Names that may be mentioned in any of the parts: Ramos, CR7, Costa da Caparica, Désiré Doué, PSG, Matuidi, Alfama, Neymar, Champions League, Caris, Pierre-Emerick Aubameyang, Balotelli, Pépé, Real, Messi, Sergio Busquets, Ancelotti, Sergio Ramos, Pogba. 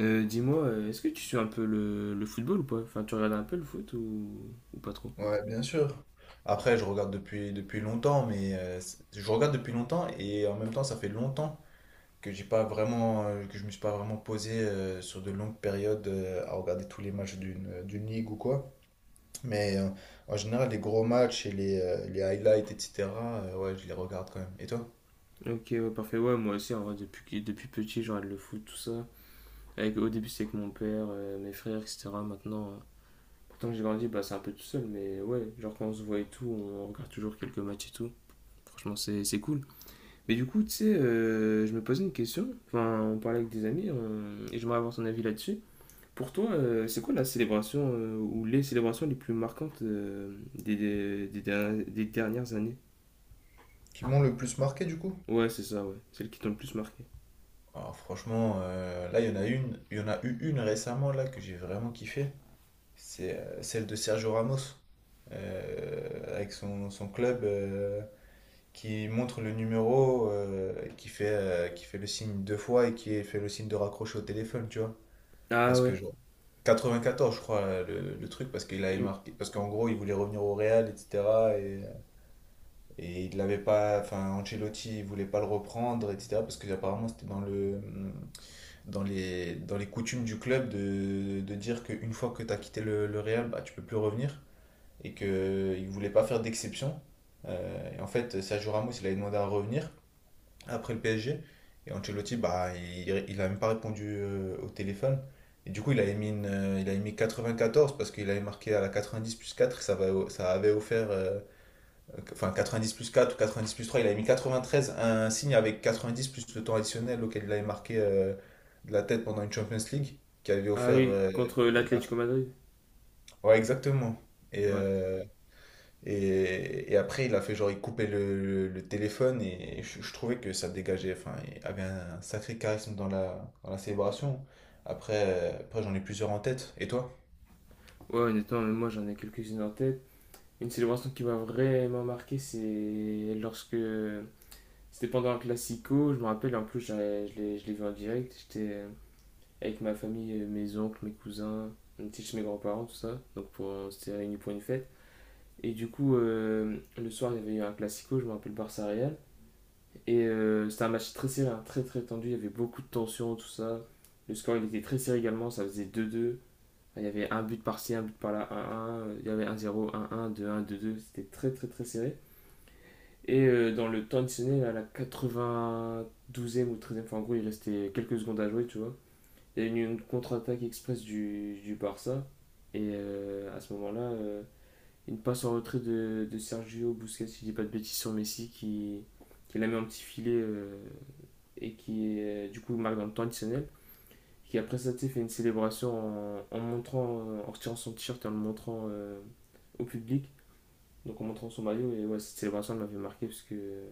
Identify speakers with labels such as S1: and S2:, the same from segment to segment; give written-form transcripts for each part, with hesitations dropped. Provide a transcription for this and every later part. S1: Dis-moi, est-ce que tu suis un peu le football ou pas? Enfin, tu regardes un peu le foot ou pas trop?
S2: Ouais, bien sûr. Après, je regarde depuis longtemps, mais je regarde depuis longtemps et en même temps, ça fait longtemps que j'ai pas vraiment, que je me suis pas vraiment posé sur de longues périodes à regarder tous les matchs d'une ligue ou quoi. Mais en général, les gros matchs et les highlights, etc., ouais, je les regarde quand même. Et toi?
S1: Ok, ouais, parfait. Ouais, moi aussi, en vrai, depuis petit, je regarde le foot, tout ça. Avec, au début, c'est avec mon père, mes frères, etc. Maintenant, pourtant que j'ai grandi, bah, c'est un peu tout seul, mais ouais, genre quand on se voit et tout, on regarde toujours quelques matchs et tout. Franchement, c'est cool. Mais du coup, tu sais, je me posais une question. Enfin, on parlait avec des amis, et j'aimerais avoir ton avis là-dessus. Pour toi, c'est quoi la célébration ou les célébrations les plus marquantes des dernières années?
S2: Qui m'ont le plus marqué du coup?
S1: Ouais, c'est ça, ouais. Celles qui t'ont le plus marqué.
S2: Alors franchement, là, il y en a une, il y en a eu une récemment là que j'ai vraiment kiffé. C'est celle de Sergio Ramos, avec son club qui montre le numéro, qui fait le signe deux fois et qui fait le signe de raccrocher au téléphone, tu vois.
S1: Ah
S2: Parce que,
S1: ouais.
S2: genre, 94 je crois, le truc, parce qu'il avait
S1: Il-
S2: marqué. Parce qu'en gros, il voulait revenir au Real, etc. Et, et il l'avait pas. Enfin, Ancelotti, il voulait pas le reprendre, etc. Parce que, apparemment, c'était dans les coutumes du club de dire qu'une fois que tu as quitté le Real, bah, tu peux plus revenir et qu'il ne voulait pas faire d'exception. Et en fait, Sergio Ramos, il avait demandé à revenir après le PSG. Et Ancelotti, bah, il a même pas répondu au téléphone. Et du coup, il avait mis 94 parce qu'il avait marqué à la 90 plus 4. Ça avait offert, enfin 90 plus 4 ou 90 plus 3. Il avait mis 93, un signe avec 90 plus le temps additionnel auquel il avait marqué de la tête pendant une Champions League qui avait
S1: Ah
S2: offert.
S1: oui, contre
S2: La-
S1: l'Atlético Madrid.
S2: Ouais, exactement. Et,
S1: Ouais.
S2: euh, et après, il a fait genre, il coupait le téléphone et je trouvais que ça dégageait. Enfin, il avait un sacré charisme dans la célébration. Après, j'en ai plusieurs en tête. Et toi?
S1: Ouais, honnêtement, mais moi j'en ai quelques-unes en tête. Une célébration qui m'a vraiment marqué, c'est lorsque. C'était pendant un classico, je me rappelle, en plus je l'ai vu en direct. J'étais avec ma famille, mes oncles, mes cousins, on était chez mes grands-parents, tout ça. Donc pour, on s'était réunis pour une fête. Et du coup, le soir, il y avait eu un classico, je me rappelle Barça Real. Et c'était un match très serré, hein, très très tendu, il y avait beaucoup de tension, tout ça. Le score, il était très serré également, ça faisait deux deux. Il y avait un but par-ci, un but par-là, un 1. Il y avait un zéro un deux, un deux deux. C'était très très très serré. Et dans le temps additionnel, à la quatre-vingt-douzième ou treizième e enfin en gros, il restait quelques secondes à jouer, tu vois. Il y a eu une contre-attaque express du Barça. Et à ce moment-là, une passe en retrait de Sergio Busquets, si je dis pas de bêtises, sur Messi qui la met en petit filet et qui du coup marque dans le temps additionnel. Qui après ça tu fait une célébration en montrant, en retirant son t-shirt et en le montrant au public, donc en montrant son maillot. Et ouais, cette célébration elle m'avait marqué parce que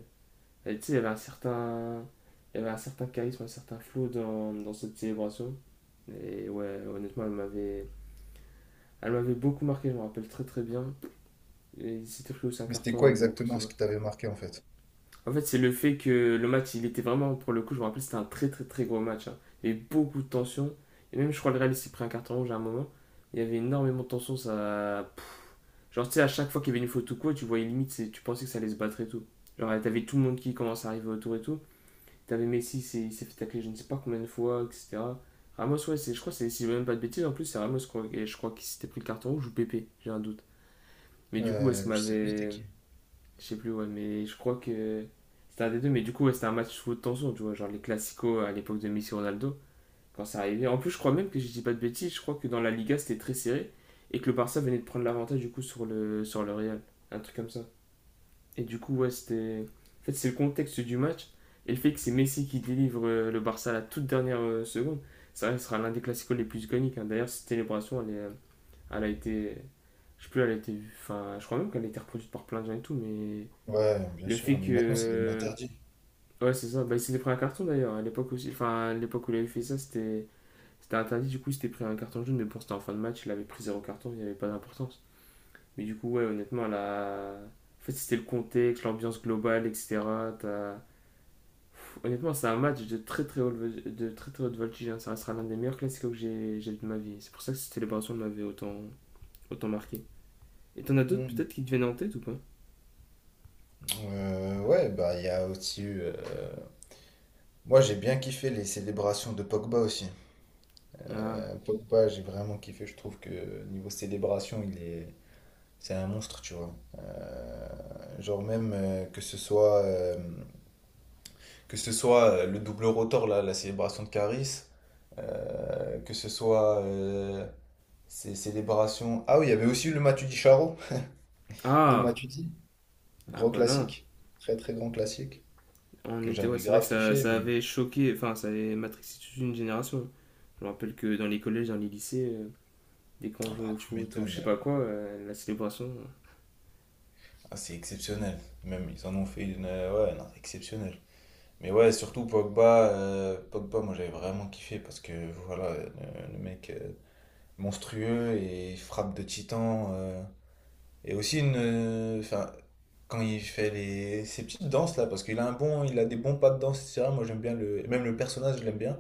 S1: elle, tu sais, il y avait un certain, il y avait un certain charisme, un certain flow dans cette célébration. Et ouais, honnêtement, elle m'avait beaucoup marqué, je me rappelle très très bien. Et il s'était pris aussi un
S2: Mais c'était quoi
S1: carton bon, pour
S2: exactement
S1: celle.
S2: ce qui t'avait marqué en fait?
S1: En fait, c'est le fait que le match, il était vraiment, pour le coup, je me rappelle, c'était un très très très gros match, hein. Il y avait beaucoup de tension. Et même, je crois, le Real s'est pris un carton rouge à un moment. Il y avait énormément de tension. Ça. Genre, tu sais, à chaque fois qu'il y avait une faute ou quoi, tu voyais limite, tu pensais que ça allait se battre et tout. Genre, t'avais tout le monde qui commence à arriver autour et tout. T'avais Messi, il s'est fait tacler je ne sais pas combien de fois, etc. Ramos, ouais, je crois, que si je dis même pas de bêtises, en plus, c'est Ramos, je crois, et je crois qu'il s'était pris le carton rouge ou Pépé, j'ai un doute. Mais du coup, est-ce qu'il
S2: Je sais plus c'était
S1: m'avait.
S2: qui.
S1: Je sais plus, ouais, mais je crois que c'était un des deux. Mais du coup, ouais, c'était un match sous haute tension, tu vois, genre les classicos à l'époque de Messi Ronaldo, quand ça arrivait. En plus, je crois même que je dis pas de bêtises, je crois que dans la Liga, c'était très serré et que le Barça venait de prendre l'avantage du coup sur le Real. Un truc comme ça. Et du coup, ouais, c'était. En fait, c'est le contexte du match et le fait que c'est Messi qui délivre le Barça à la toute dernière seconde. Ça sera l'un des classicos les plus iconiques, hein. D'ailleurs, cette célébration, elle, est, elle a été. Je sais plus, elle a été. Enfin, je crois même qu'elle a été reproduite par plein de gens et tout, mais
S2: Ouais, bien
S1: le
S2: sûr,
S1: fait
S2: mais maintenant c'est devenu
S1: que.
S2: interdit.
S1: Ouais, c'est ça. Bah, il s'était pris un carton d'ailleurs. À l'époque aussi. Enfin, à l'époque où il avait fait ça, c'était interdit. Du coup, il s'était pris un carton jaune. Mais bon, c'était en fin de match. Il avait pris zéro carton. Il n'y avait pas d'importance. Mais du coup, ouais, honnêtement, la. En fait, c'était le contexte, l'ambiance globale, etc. T'as- Pff, honnêtement, c'est un match de très très haute, de très, très haute voltige, hein. Ça restera l'un des meilleurs classiques que j'ai vu de ma vie. C'est pour ça que cette célébration m'avait autant, autant marqué. Et t'en as d'autres
S2: Hmm.
S1: peut-être qui te viennent en tête ou pas?
S2: Ouais, bah il y a aussi eu. Moi j'ai bien kiffé les célébrations de Pogba aussi.
S1: Ah.
S2: Pogba, j'ai vraiment kiffé, je trouve que niveau célébration, il est, c'est un monstre, tu vois. Genre même que ce soit le double rotor là, la célébration de Caris, que ce soit ces célébrations. Ah oui, il y avait aussi le Matuidi Charo de
S1: Ah.
S2: Matuidi,
S1: Ah
S2: gros
S1: bah là.
S2: classique, très très grand classique
S1: On
S2: que
S1: était, ouais,
S2: j'avais
S1: c'est vrai que
S2: grave
S1: ça,
S2: kiffé,
S1: ça
S2: mais
S1: avait choqué, enfin, ça avait matrixé toute une génération. Je me rappelle que dans les collèges, dans les lycées, dès qu'on
S2: ah
S1: jouait
S2: bah,
S1: au
S2: tu
S1: foot ou je sais
S2: m'étonnes.
S1: pas quoi, la célébration.
S2: Ah, c'est exceptionnel. Même ils en ont fait une ouais, non, exceptionnelle. Mais ouais, surtout Pogba, moi j'avais vraiment kiffé parce que voilà, le mec monstrueux et frappe de titan. Et aussi une. Enfin, quand il fait les, ses petites danses là, parce qu'il a un bon, il a des bons pas de danse, etc. Moi j'aime bien le. Même le personnage, je l'aime bien.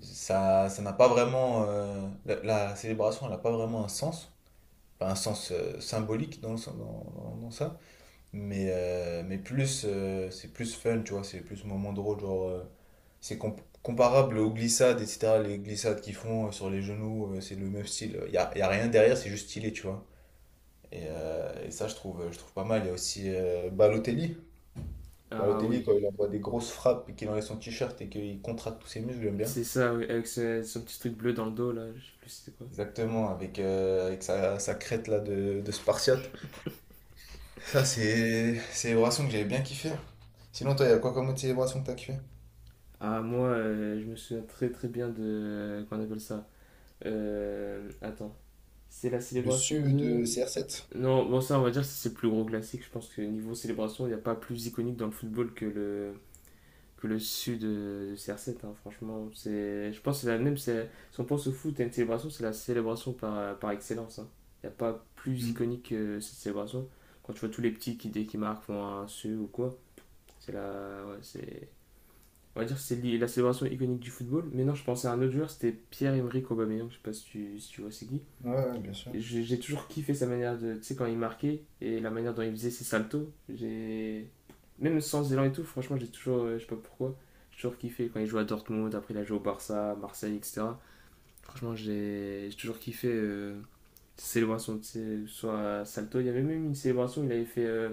S2: Ça n'a pas vraiment. La célébration, elle n'a pas vraiment un sens. Enfin, un sens symbolique dans, le dans, dans- dans ça. Mais plus, c'est plus fun, tu vois, c'est plus moment drôle, genre, c'est comparable aux glissades, etc. Les glissades qu'ils font sur les genoux, c'est le même style. Il y a rien derrière, c'est juste stylé, tu vois. Et ça, je trouve pas mal. Il y a aussi Balotelli.
S1: Ah
S2: Balotelli,
S1: oui,
S2: quand il envoie des grosses frappes et qu'il enlève son t-shirt et qu'il contracte tous ses muscles, j'aime bien.
S1: c'est ça, oui, avec son petit truc bleu dans le dos là, je sais plus c'était quoi.
S2: Exactement, avec sa crête là de Spartiate. Ça, c'est une célébration que j'avais bien kiffé. Sinon, toi, il y a quoi comme autre célébration que t'as kiffé?
S1: Ah, moi, je me souviens très très bien de. Qu'on appelle ça. Attends, c'est la
S2: Le
S1: célébration
S2: CE
S1: de.
S2: de CR7?
S1: Non, bon, ça, on va dire, c'est le plus gros classique. Je pense que niveau célébration, il n'y a pas plus iconique dans le football que le. Que le sud de CR7, hein, franchement. C'est, je pense que c'est la même. Si on pense au foot à une célébration, c'est la célébration par excellence, hein. Il n'y a pas plus
S2: Mhm.
S1: iconique que cette célébration. Quand tu vois tous les petits qui, dès qu'ils marquent, font un su ou quoi, c'est la. Ouais, c'est. On va dire que c'est la célébration iconique du football. Mais non, je pensais à un autre joueur, c'était Pierre-Emerick Aubameyang. Je sais pas si tu vois c'est qui.
S2: Ouais, ouais, bien sûr.
S1: J'ai toujours kiffé sa manière de. Tu sais, quand il marquait et la manière dont il faisait ses saltos. J'ai. Même sans élan et tout, franchement, j'ai toujours. Je sais pas pourquoi. J'ai toujours kiffé quand il jouait à Dortmund, après il a joué au Barça, à Marseille, etc. Franchement, j'ai toujours kiffé ses célébrations, tu sais, soit à salto. Il y avait même une célébration, il avait fait.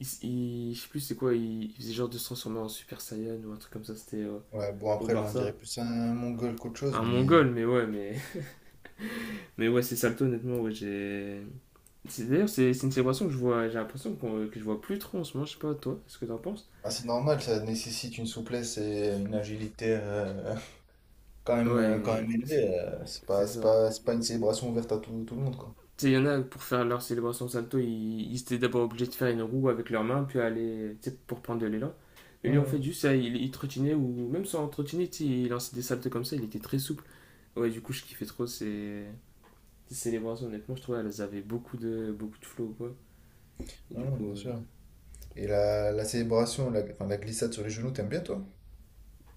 S1: il, je sais plus c'est quoi, il faisait genre de se transformer en Super Saiyan ou un truc comme ça, c'était
S2: Ouais, bon,
S1: au
S2: après, là, on
S1: Barça.
S2: dirait plus un mongol qu'autre chose,
S1: Un
S2: mais
S1: mongol, mais ouais, mais ouais, c'est Salto, honnêtement, ouais, j'ai. D'ailleurs, c'est une célébration que je vois, j'ai l'impression que je vois plus trop en ce moment, je sais pas, toi, est ce que t'en penses?
S2: ah, c'est normal, ça nécessite une souplesse et une agilité quand même,
S1: Ouais,
S2: euh, quand même
S1: c'est
S2: élevée. C'est
S1: c'est
S2: pas, c'est
S1: ça.
S2: pas, c'est pas une célébration ouverte à tout, tout le monde, quoi.
S1: Tu sais, il y en a pour faire leur célébration Salto, ils étaient d'abord obligés de faire une roue avec leurs mains, puis aller, tu sais, pour prendre de l'élan. Et lui, en fait,
S2: Non,
S1: juste, ça, il trottinait, ou même sans trottiner, tu sais, il lançait des saltos comme ça, il était très souple. Ouais, du coup, je kiffais trop ces célébrations, honnêtement, je trouvais qu'elles avaient beaucoup de flow, quoi. Et du
S2: non, non,
S1: coup,
S2: bien sûr. Et la célébration, la, enfin, la glissade sur les genoux, t'aimes bien, toi?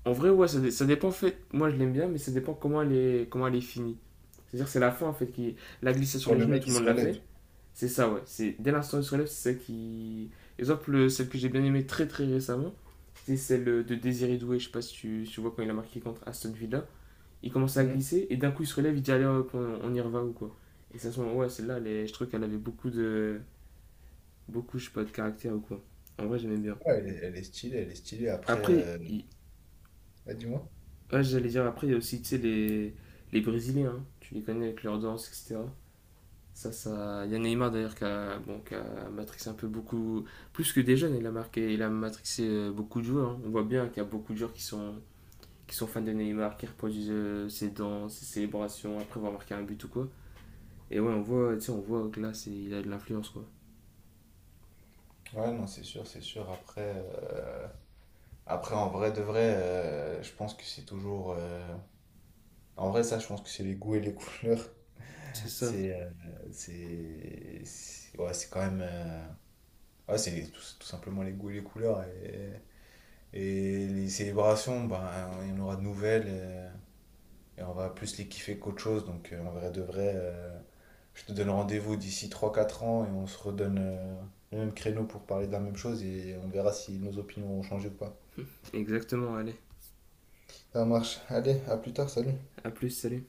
S1: En vrai, ouais, ça, ça dépend en fait. Moi, je l'aime bien, mais ça dépend comment elle est finie. C'est-à-dire, c'est la fin en fait qui. La glissade sur
S2: Quand
S1: les
S2: le
S1: genoux,
S2: mec,
S1: tout
S2: il
S1: le
S2: se
S1: monde l'a fait.
S2: relève.
S1: C'est ça, ouais. C'est dès l'instant où il se relève, c'est ça qui. Exemple, celle que j'ai bien aimée très très récemment, c'était celle de Désiré Doué. Je sais pas si tu vois quand il a marqué contre Aston Villa. Il commence à
S2: Hmm.
S1: glisser et d'un coup il se relève, il dit allez hop, on y reva ou quoi. Et ça, se ouais, celle-là, je trouve qu'elle avait beaucoup de. Beaucoup, je sais pas, de caractère ou quoi. En vrai, j'aimais bien.
S2: Ouais, elle est stylée, elle est stylée. Après,
S1: Après, il-
S2: ah, dis-moi.
S1: Ouais, j'allais dire après, il y a aussi, tu sais, les Brésiliens, hein. Tu les connais avec leur danse, etc. Il y a Neymar d'ailleurs qui a, bon, qui a matrixé un peu beaucoup, plus que des jeunes, il a marqué, il a matrixé beaucoup de joueurs, hein. On voit bien qu'il y a beaucoup de joueurs qui sont fans de Neymar, qui reproduisent ses danses, ses célébrations, après avoir marqué un but ou quoi. Et ouais, on voit, tu sais, on voit que là, il a de l'influence, quoi.
S2: Ouais, non, c'est sûr, c'est sûr. Après, en vrai de vrai, je pense que c'est toujours. En vrai, ça, je pense que c'est les goûts et les couleurs.
S1: C'est ça,
S2: C'est. euh, Ouais, c'est quand même. Ouais, c'est tout, tout simplement les goûts et les couleurs. Et les célébrations, ben, il y en aura de nouvelles. Et, on va plus les kiffer qu'autre chose. Donc, en vrai de vrai, je te donne rendez-vous d'ici 3 4 ans et on se redonne le même créneau pour parler de la même chose et on verra si nos opinions ont changé ou pas.
S1: exactement, allez.
S2: Ça marche. Allez, à plus tard, salut.
S1: À plus, salut.